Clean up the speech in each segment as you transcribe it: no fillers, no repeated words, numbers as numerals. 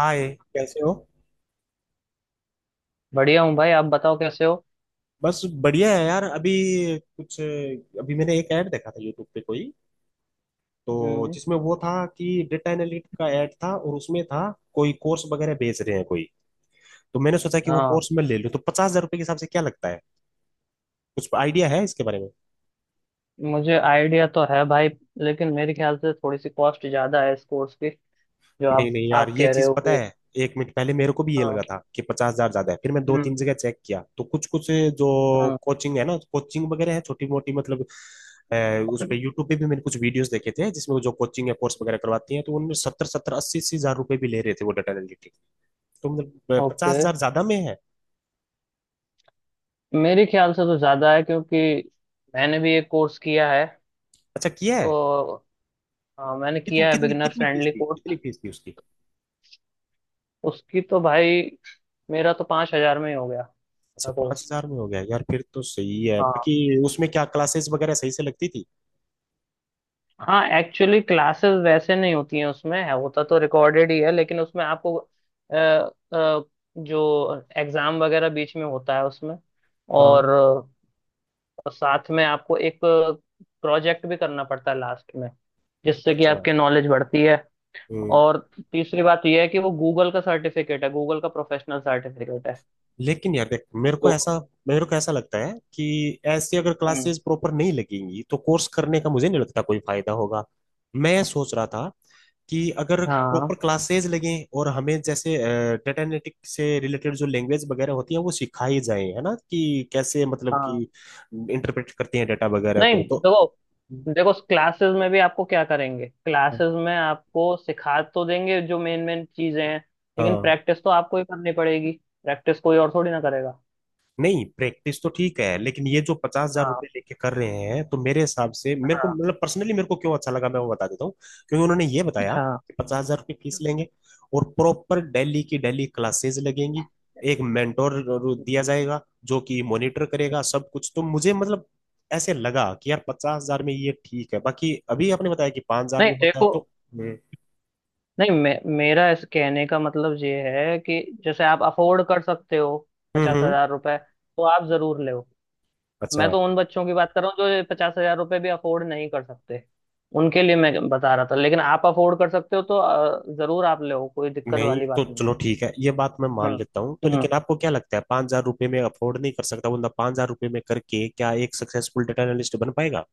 हाय, कैसे हो। बढ़िया हूँ भाई आप बताओ कैसे हो। बस बढ़िया है यार। अभी कुछ, अभी मैंने एक ऐड देखा था यूट्यूब पे कोई, तो हम्म। जिसमें वो था कि डेटा एनालिटिक का ऐड था और उसमें था, कोई कोर्स वगैरह बेच रहे हैं कोई। तो मैंने सोचा कि वो हाँ। कोर्स मैं ले लूं, तो पचास हजार रुपये के हिसाब से क्या लगता है, कुछ आइडिया है इसके बारे में। मुझे आइडिया तो है भाई। लेकिन मेरे ख्याल से थोड़ी सी कॉस्ट ज्यादा है इस कोर्स की। जो नहीं आप नहीं यार, आप ये कह रहे चीज हो पता कि है। एक मिनट पहले मेरे को भी ये हाँ। लगा था कि 50,000 ज्यादा है, फिर मैं दो तीन हम्म। जगह चेक किया तो कुछ कुछ, जो हम्म। कोचिंग है ना, कोचिंग वगैरह है छोटी मोटी मतलब अ, उस पे यूट्यूब पे भी मैंने कुछ वीडियोस देखे थे, जिसमें वो जो कोचिंग है कोर्स वगैरह करवाती है, तो उनमें 70-70 80-80 हज़ार रुपए भी ले रहे थे वो डाटा एनालिटिक। तो मतलब पचास ओके। हजार ज्यादा में है। मेरे ख्याल से तो ज्यादा है क्योंकि मैंने भी एक कोर्स किया है। अच्छा, किया है। और हाँ मैंने कितनी किया है कितनी बिगनर कितनी फीस फ्रेंडली थी, कोर्स। उसकी उसकी तो भाई मेरा तो 5 हजार में ही हो गया अच्छा, था पांच कोर्स। हजार में हो गया यार, फिर तो सही है हाँ। बाकी। उसमें क्या क्लासेस वगैरह सही से लगती थी। हाँ एक्चुअली क्लासेस वैसे नहीं होती हैं उसमें है होता तो रिकॉर्डेड ही है। लेकिन उसमें आपको जो एग्जाम वगैरह बीच में होता है उसमें हाँ, और साथ में आपको एक प्रोजेक्ट भी करना पड़ता है लास्ट में जिससे कि अच्छा। आपकी नॉलेज बढ़ती है। हम्म। और तीसरी बात यह है कि वो गूगल का सर्टिफिकेट है गूगल का प्रोफेशनल सर्टिफिकेट है। लेकिन यार देख, तो मेरे को ऐसा लगता है कि ऐसे अगर हम्म। क्लासेस प्रॉपर नहीं लगेंगी तो कोर्स करने का मुझे नहीं लगता कोई फायदा होगा। मैं सोच रहा था कि अगर प्रॉपर हाँ, क्लासेस लगें और हमें जैसे डेटा एनालिटिक से रिलेटेड जो लैंग्वेज वगैरह होती है वो सिखाई जाए, है ना, कि कैसे मतलब कि हाँ। इंटरप्रेट करते हैं डेटा वगैरह नहीं को, तो देखो। देखो क्लासेस में भी आपको क्या करेंगे। क्लासेस में आपको सिखा तो देंगे जो मेन मेन चीजें हैं। लेकिन हाँ। प्रैक्टिस तो आपको ही करनी पड़ेगी। प्रैक्टिस कोई और थोड़ी ना करेगा। नहीं प्रैक्टिस तो ठीक है, लेकिन ये जो पचास हजार हाँ, रुपये लेके कर रहे हैं, तो मेरे हिसाब से, मेरे को हाँ। मतलब पर्सनली मेरे को क्यों अच्छा लगा, मैं वो बता देता हूँ। क्योंकि उन्होंने ये बताया हाँ। कि 50,000 रुपये फीस लेंगे और प्रॉपर डेली की डेली क्लासेस लगेंगी, एक मेंटोर दिया जाएगा जो कि मॉनिटर करेगा सब कुछ, तो मुझे मतलब ऐसे लगा कि यार 50,000 में ये ठीक है, बाकी अभी आपने बताया कि 5,000 नहीं में होता है देखो। तो हम्म, नहीं मेरा इस कहने का मतलब ये है कि जैसे आप अफोर्ड कर सकते हो हम्म पचास हम्म, हजार रुपए तो आप जरूर लो। मैं अच्छा। तो उन बच्चों की बात कर रहा हूँ जो 50 हजार रुपये भी अफोर्ड नहीं कर सकते। उनके लिए मैं बता रहा था। लेकिन आप अफोर्ड कर सकते हो तो जरूर आप ले कोई दिक्कत नहीं वाली तो बात नहीं। चलो ठीक है, ये बात मैं हाँ। मान लेता हूँ, तो हम्म। लेकिन आपको क्या लगता है, 5,000 रुपये में अफोर्ड नहीं कर सकता बंदा, 5,000 रुपये में करके क्या एक सक्सेसफुल डेटा एनालिस्ट बन पाएगा।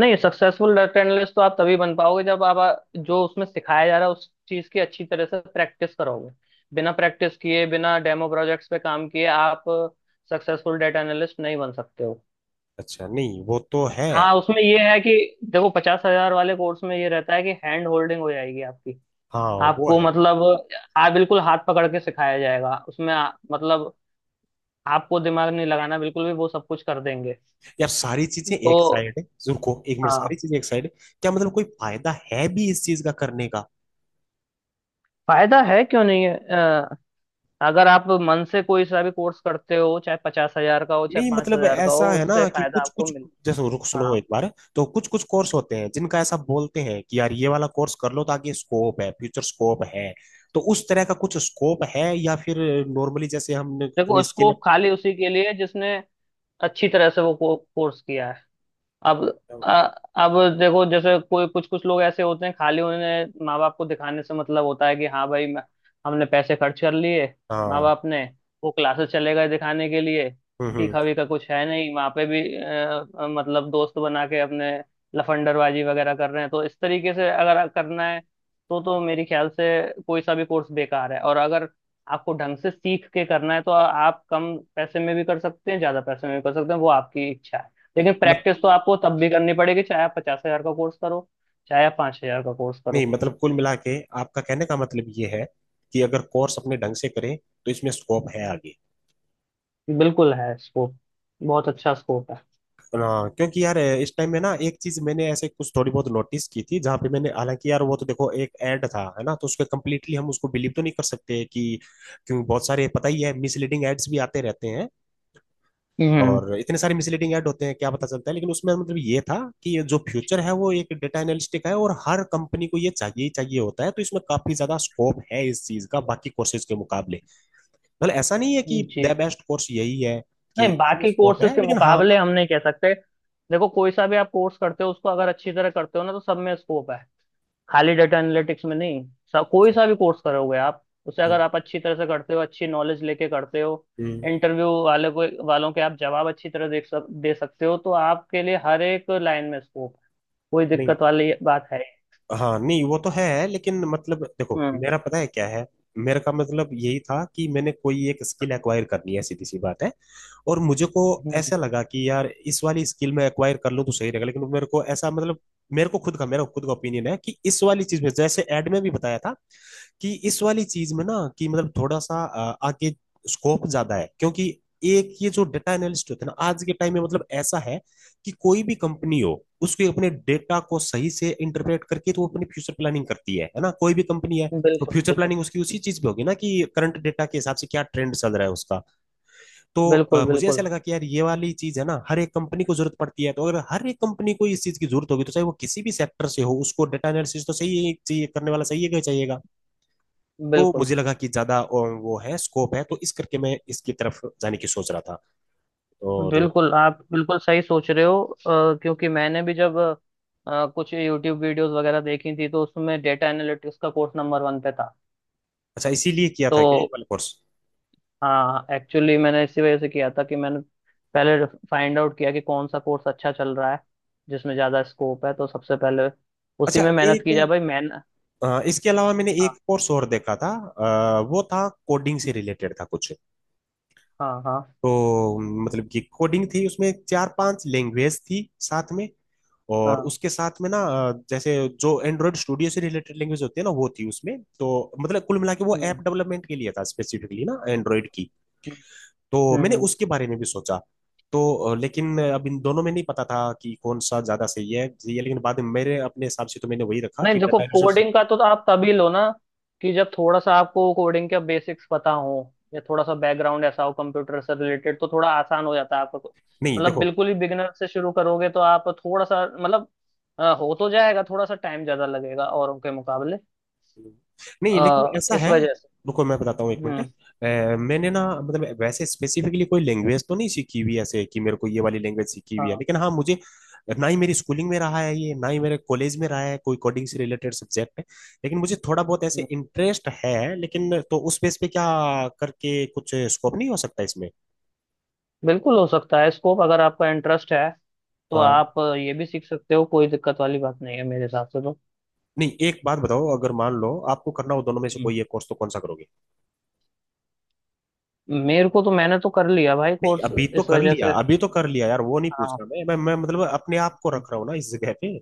नहीं सक्सेसफुल डाटा एनालिस्ट तो आप तभी बन पाओगे जब आप जो उसमें सिखाया जा रहा है उस चीज की अच्छी तरह से प्रैक्टिस करोगे। बिना प्रैक्टिस किए बिना डेमो प्रोजेक्ट्स पे काम किए आप सक्सेसफुल डाटा एनालिस्ट नहीं बन सकते हो। अच्छा, नहीं वो तो है। हाँ उसमें ये है कि देखो 50 हजार वाले कोर्स में ये रहता है कि हैंड होल्डिंग हो जाएगी आपकी। हाँ वो आपको है। मतलब हाँ बिल्कुल हाथ पकड़ के सिखाया जाएगा उसमें मतलब आपको दिमाग नहीं लगाना बिल्कुल भी वो सब कुछ कर देंगे। यार सारी चीजें तो एक साइड है, रुको एक मिनट, सारी हाँ चीजें एक साइड है। क्या मतलब कोई फायदा है भी इस चीज का करने का। फायदा है क्यों नहीं है अगर आप मन से कोई सा भी कोर्स करते हो चाहे पचास हजार का हो चाहे नहीं पांच मतलब हजार का ऐसा हो है उससे ना कि फायदा कुछ आपको कुछ, मिले। जैसे रुक, सुनो हाँ एक बार। तो कुछ कुछ कोर्स होते हैं जिनका ऐसा बोलते हैं कि यार ये वाला कोर्स कर लो ताकि स्कोप है, फ्यूचर स्कोप है। तो उस तरह का कुछ स्कोप है या फिर नॉर्मली जैसे हमने देखो कोई उसको स्किल, खाली उसी के लिए जिसने अच्छी तरह से वो कोर्स किया है। अब अ- अब देखो जैसे कोई कुछ कुछ लोग ऐसे होते हैं खाली उन्हें माँ बाप को दिखाने से मतलब होता है कि हाँ भाई हमने पैसे खर्च कर लिए माँ हाँ। बाप ने। वो क्लासेस चले गए दिखाने के लिए हम्म, हम्म। सीखा वीखा कुछ है नहीं वहाँ पे भी मतलब दोस्त बना के अपने लफंडरबाजी वगैरह कर रहे हैं। तो इस तरीके से अगर करना है तो मेरे ख्याल से कोई सा भी कोर्स बेकार है। और अगर आपको ढंग से सीख के करना है तो आप कम पैसे में भी कर सकते हैं ज्यादा पैसे में भी कर सकते हैं वो आपकी इच्छा है। लेकिन मत, प्रैक्टिस तो आपको तब भी करनी पड़ेगी चाहे आप 50 हजार का कोर्स करो चाहे आप 5 हजार का कोर्स नहीं करो। मतलब कुल मिला के आपका कहने का मतलब ये है कि अगर कोर्स अपने ढंग से करें तो इसमें स्कोप है आगे। बिल्कुल है स्कोप। बहुत अच्छा स्कोप है। हाँ क्योंकि यार इस टाइम में ना एक चीज मैंने ऐसे कुछ थोड़ी बहुत नोटिस की थी, जहाँ पे मैंने, हालांकि यार वो तो देखो एक ऐड था, है ना, तो उसको कम्प्लीटली हम उसको बिलीव तो नहीं कर सकते कि, क्योंकि बहुत सारे पता ही है मिसलीडिंग एड्स भी आते रहते हैं। हम्म। और इतने सारे मिसलीडिंग ऐड होते हैं, क्या पता चलता है, लेकिन उसमें मतलब ये था कि जो फ्यूचर है वो एक डेटा एनालिस्टिक है, और हर कंपनी को ये चाहिए ही चाहिए होता है, तो इसमें काफी ज्यादा स्कोप है इस चीज का बाकी कोर्सेज के मुकाबले। मतलब ऐसा नहीं है कि जी। द बेस्ट कोर्स यही है, कि नहीं इसी में बाकी स्कोप कोर्सेज है, के लेकिन हाँ। मुकाबले हम नहीं कह सकते। देखो कोई सा भी आप कोर्स करते हो उसको अगर अच्छी तरह करते हो ना तो सब में स्कोप है। खाली डेटा एनालिटिक्स में नहीं। सब कोई सा भी कोर्स करोगे आप उसे अगर हम्म, आप अच्छी तरह से करते हो अच्छी नॉलेज लेके करते हो हम्म, इंटरव्यू वाले को वालों के आप जवाब अच्छी तरह दे सकते हो तो आपके लिए हर एक लाइन में स्कोप। कोई नहीं दिक्कत वाली बात है। हाँ, नहीं वो तो है, लेकिन मतलब देखो हम्म। मेरा पता है क्या है। मेरे का मतलब यही था कि मैंने कोई एक स्किल एक्वायर करनी है, सीधी सी बात है। और मुझे को हम्म, ऐसा लगा कि यार इस वाली स्किल में एक्वायर कर लूँ तो सही रहेगा, लेकिन मेरे को ऐसा मतलब, मेरे को खुद का मेरा खुद का ओपिनियन है कि इस वाली चीज में जैसे एड में भी बताया था कि इस वाली चीज में ना, कि मतलब थोड़ा सा आगे स्कोप ज्यादा है क्योंकि, एक ये जो डेटा एनालिस्ट होते हैं ना आज के टाइम में मतलब ऐसा है कि कोई भी कंपनी हो, उसके अपने डेटा को सही से इंटरप्रेट करके तो वो अपनी फ्यूचर प्लानिंग करती है ना, कोई भी कंपनी है। तो बिल्कुल फ्यूचर बिल्कुल, प्लानिंग उसकी उसी चीज पे होगी ना, कि करंट डेटा के हिसाब से क्या ट्रेंड चल रहा है उसका। तो बिल्कुल। मुझे ऐसा बिल्कुल, लगा कि यार ये वाली चीज है ना हर एक कंपनी को जरूरत पड़ती है, तो अगर हर एक कंपनी को इस चीज की जरूरत होगी, तो चाहे वो किसी भी सेक्टर से हो उसको डेटा एनालिसिस तो सही है- चाहिए, करने वाला सही है चाहिएगा। तो बिल्कुल। मुझे लगा कि ज्यादा और वो है स्कोप है, तो इस करके मैं इसकी तरफ जाने की सोच रहा था। और बिल्कुल आप बिल्कुल सही सोच रहे हो क्योंकि मैंने भी जब कुछ यूट्यूब वीडियोस वगैरह देखी थी तो उसमें डेटा एनालिटिक्स का कोर्स नंबर 1 पे था। अच्छा, इसीलिए किया था क्या ये तो वाला कोर्स। हाँ एक्चुअली मैंने इसी वजह से किया था कि मैंने पहले फाइंड आउट किया कि कौन सा कोर्स अच्छा चल रहा है जिसमें ज़्यादा स्कोप है तो सबसे पहले उसी अच्छा में मेहनत एक, की जाए भाई मैन। इसके अलावा मैंने हाँ, एक कोर्स और देखा था वो था कोडिंग से रिलेटेड था कुछ। हाँ, हाँ, तो मतलब कि कोडिंग थी उसमें चार पांच लैंग्वेज थी साथ में, और हाँ। उसके साथ में ना जैसे जो एंड्रॉयड स्टूडियो से रिलेटेड लैंग्वेज होती है ना, वो थी उसमें तो मतलब कुल मिला के वो ऐप हम्म, डेवलपमेंट के लिए था स्पेसिफिकली ना, एंड्रॉयड की। हम्म, तो हम्म, मैंने उसके बारे में भी सोचा। तो लेकिन अब इन दोनों में नहीं पता था कि कौन सा ज्यादा सही है, सही है लेकिन बाद में मेरे अपने हिसाब से तो मैंने वही रखा नहीं कि देखो डाटा रिसोर्स। कोडिंग का तो आप तभी लो ना कि जब थोड़ा सा आपको कोडिंग के बेसिक्स पता हो या थोड़ा सा बैकग्राउंड ऐसा हो कंप्यूटर से रिलेटेड तो थोड़ा आसान हो जाता है आपको। नहीं मतलब देखो, बिल्कुल ही बिगिनर से शुरू करोगे तो आप थोड़ा सा मतलब हो तो जाएगा थोड़ा सा टाइम ज्यादा लगेगा औरों के मुकाबले नहीं लेकिन ऐसा इस है, वजह से। रुको मैं बताता हूँ एक मिनट, हम्म। मैंने ना मतलब वैसे स्पेसिफिकली कोई लैंग्वेज तो नहीं सीखी हुई ऐसे कि मेरे को ये वाली लैंग्वेज सीखी हुई है, हाँ। लेकिन हाँ मुझे, ना ही मेरी स्कूलिंग में रहा है ये, ना ही मेरे कॉलेज में रहा है कोई कोडिंग से रिलेटेड सब्जेक्ट है, लेकिन मुझे थोड़ा बहुत ऐसे हम्म। इंटरेस्ट है, लेकिन तो उस बेस पे क्या करके कुछ स्कोप नहीं हो सकता इसमें। बिल्कुल हो सकता है स्कोप अगर आपका इंटरेस्ट है तो हाँ, आप ये भी सीख सकते हो कोई दिक्कत वाली बात नहीं है मेरे हिसाब से तो। नहीं एक बात बताओ, अगर मान लो आपको करना हो दोनों में से हम्म। कोई एक कोर्स, तो कौन सा करोगे। मेरे को तो मैंने तो कर लिया भाई नहीं कोर्स अभी तो इस कर वजह लिया, से। अभी तो कर लिया यार, वो नहीं पूछ हाँ। रहा मैं, मैं मतलब अपने आप को हम्म। रख रहा हूँ ना इस जगह पे।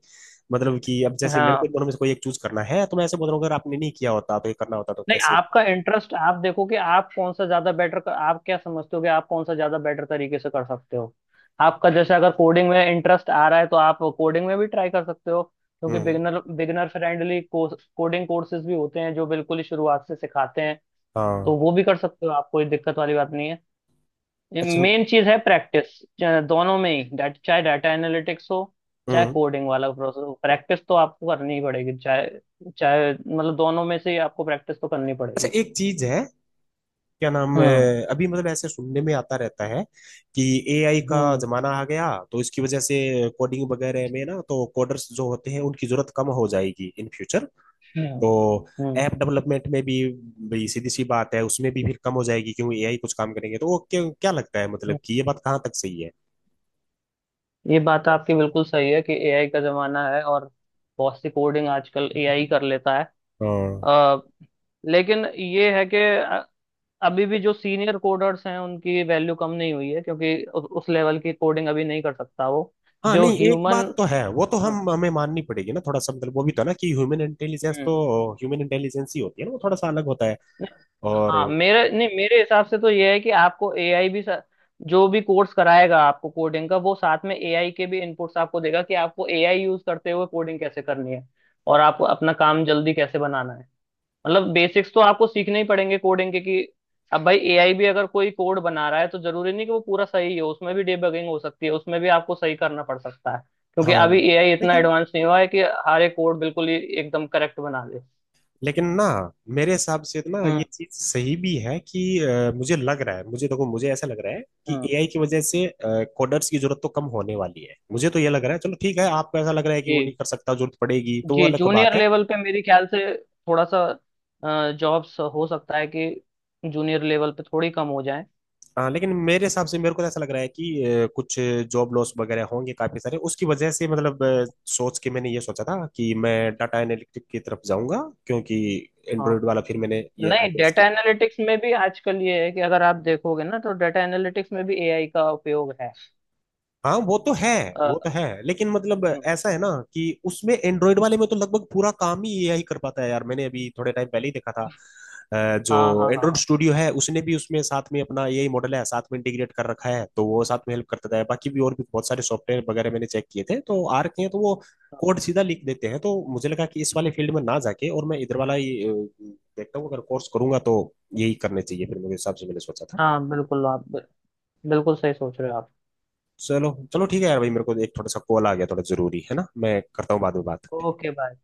मतलब कि अब जैसे मेरे हाँ। को इन दोनों में से कोई एक चूज करना है, तो मैं ऐसे बोल रहा हूँ अगर आपने नहीं किया होता तो ये करना होता तो नहीं कैसे। आपका इंटरेस्ट आप देखो कि आप कौन सा ज्यादा बेटर आप क्या समझते हो कि आप कौन सा ज्यादा बेटर तरीके से कर सकते हो। आपका जैसे अगर कोडिंग में इंटरेस्ट आ रहा है तो आप कोडिंग में भी ट्राई कर सकते हो क्योंकि हम्म, beginner beginner friendly coding courses भी होते हैं जो बिल्कुल ही शुरुआत से सिखाते हैं। हाँ, तो वो भी कर सकते हो आप कोई दिक्कत वाली बात नहीं है। अच्छा। मेन चीज है प्रैक्टिस। दोनों में ही चाहे डाटा एनालिटिक्स हो चाहे हम्म, कोडिंग वाला प्रोसेस प्रैक्टिस तो आपको करनी ही पड़ेगी। चाहे चाहे मतलब दोनों में से ही आपको प्रैक्टिस तो करनी अच्छा पड़ेगी। एक चीज है, क्या नाम हम्म, है, अभी मतलब ऐसे सुनने में आता रहता है कि एआई का हम्म, जमाना आ गया, तो इसकी वजह से कोडिंग वगैरह में ना तो कोडर्स जो होते हैं उनकी जरूरत कम हो जाएगी इन फ्यूचर। हम्म, तो हम्म। ऐप डेवलपमेंट में भी, भाई सीधी सी बात है उसमें भी फिर कम हो जाएगी क्योंकि एआई कुछ काम करेंगे, तो वो क्या, क्या लगता है मतलब हम्म। कि ये बात कहाँ तक सही है। ये बात आपकी बिल्कुल सही है कि एआई का जमाना है और बहुत सी कोडिंग आजकल एआई कर लेता है। हाँ अ, लेकिन ये है कि अभी भी जो सीनियर कोडर्स हैं उनकी वैल्यू कम नहीं हुई है क्योंकि उस लेवल की कोडिंग अभी नहीं कर सकता वो। हाँ, जो नहीं एक ह्यूमन। बात तो है वो तो हम्म। हम हमें माननी पड़ेगी ना, थोड़ा सा मतलब वो भी तो है ना कि ह्यूमन इंटेलिजेंस तो, हम्म। ह्यूमन इंटेलिजेंस ही होती है ना, वो थोड़ा सा अलग होता है। नहीं, और हाँ मेरे नहीं मेरे हिसाब से तो ये है कि आपको एआई भी जो भी कोर्स कराएगा आपको कोडिंग का वो साथ में एआई के भी इनपुट्स आपको देगा कि आपको एआई यूज करते हुए कोडिंग कैसे करनी है। और आपको अपना काम जल्दी कैसे बनाना है। मतलब बेसिक्स तो आपको सीखने ही पड़ेंगे कोडिंग के कि अब भाई एआई भी अगर कोई कोड बना रहा है तो जरूरी नहीं कि वो पूरा सही हो उसमें भी डिबगिंग हो सकती है उसमें भी आपको सही करना पड़ सकता है। क्योंकि हाँ, अभी एआई इतना लेकिन एडवांस नहीं हुआ है कि हर एक कोड बिल्कुल ही एकदम करेक्ट बना दे। लेकिन ना मेरे हिसाब से तो ना हम्म। ये चीज सही भी है कि मुझे लग रहा है, मुझे देखो मुझे ऐसा लग रहा है कि हम्म। एआई की वजह से कोडर्स की जरूरत तो कम होने वाली है, मुझे तो ये लग रहा है। चलो ठीक है, आपको ऐसा लग रहा है कि जी, वो नहीं कर सकता, जरूरत पड़ेगी तो वो जी। अलग जूनियर बात है। लेवल पे मेरे ख्याल से थोड़ा सा जॉब्स हो सकता है कि जूनियर लेवल पे थोड़ी कम हो जाए। लेकिन मेरे हिसाब से मेरे को तो ऐसा लग रहा है कि कुछ जॉब लॉस वगैरह होंगे काफी सारे उसकी वजह से, मतलब सोच के मैंने ये सोचा था कि मैं डाटा एनालिटिक की तरफ जाऊंगा, क्योंकि हाँ। एंड्रॉइड वाला फिर मैंने ये नहीं आइडिया डेटा स्किप। एनालिटिक्स में भी आजकल ये है कि अगर आप देखोगे ना तो डेटा एनालिटिक्स में भी एआई का उपयोग है। हाँ वो तो है, वो तो अ, है लेकिन मतलब हम्म। ऐसा है ना कि उसमें एंड्रॉइड वाले में तो लगभग पूरा काम ही एआई कर पाता है यार, मैंने अभी थोड़े टाइम पहले ही देखा था हाँ, जो हाँ, हाँ, एंड्रॉइड हाँ। स्टूडियो है उसने भी उसमें साथ में अपना एआई मॉडल है साथ में इंटीग्रेट कर रखा है, तो वो साथ में हेल्प करता है, बाकी भी और भी बहुत सारे सॉफ्टवेयर वगैरह मैंने चेक किए थे तो आर के हैं, तो वो कोड सीधा लिख देते हैं, तो मुझे लगा कि इस वाले फील्ड में ना जाके और मैं इधर वाला ही देखता हूँ, अगर कोर्स करूंगा तो यही करने चाहिए फिर मेरे हिसाब से मैंने सोचा था। हाँ बिल्कुल आप बिल्कुल सही सोच रहे हो आप। चलो चलो ठीक है यार भाई, मेरे को एक थोड़ा सा कॉल आ गया, थोड़ा जरूरी है ना, मैं करता हूँ बाद में बात। Okay bye.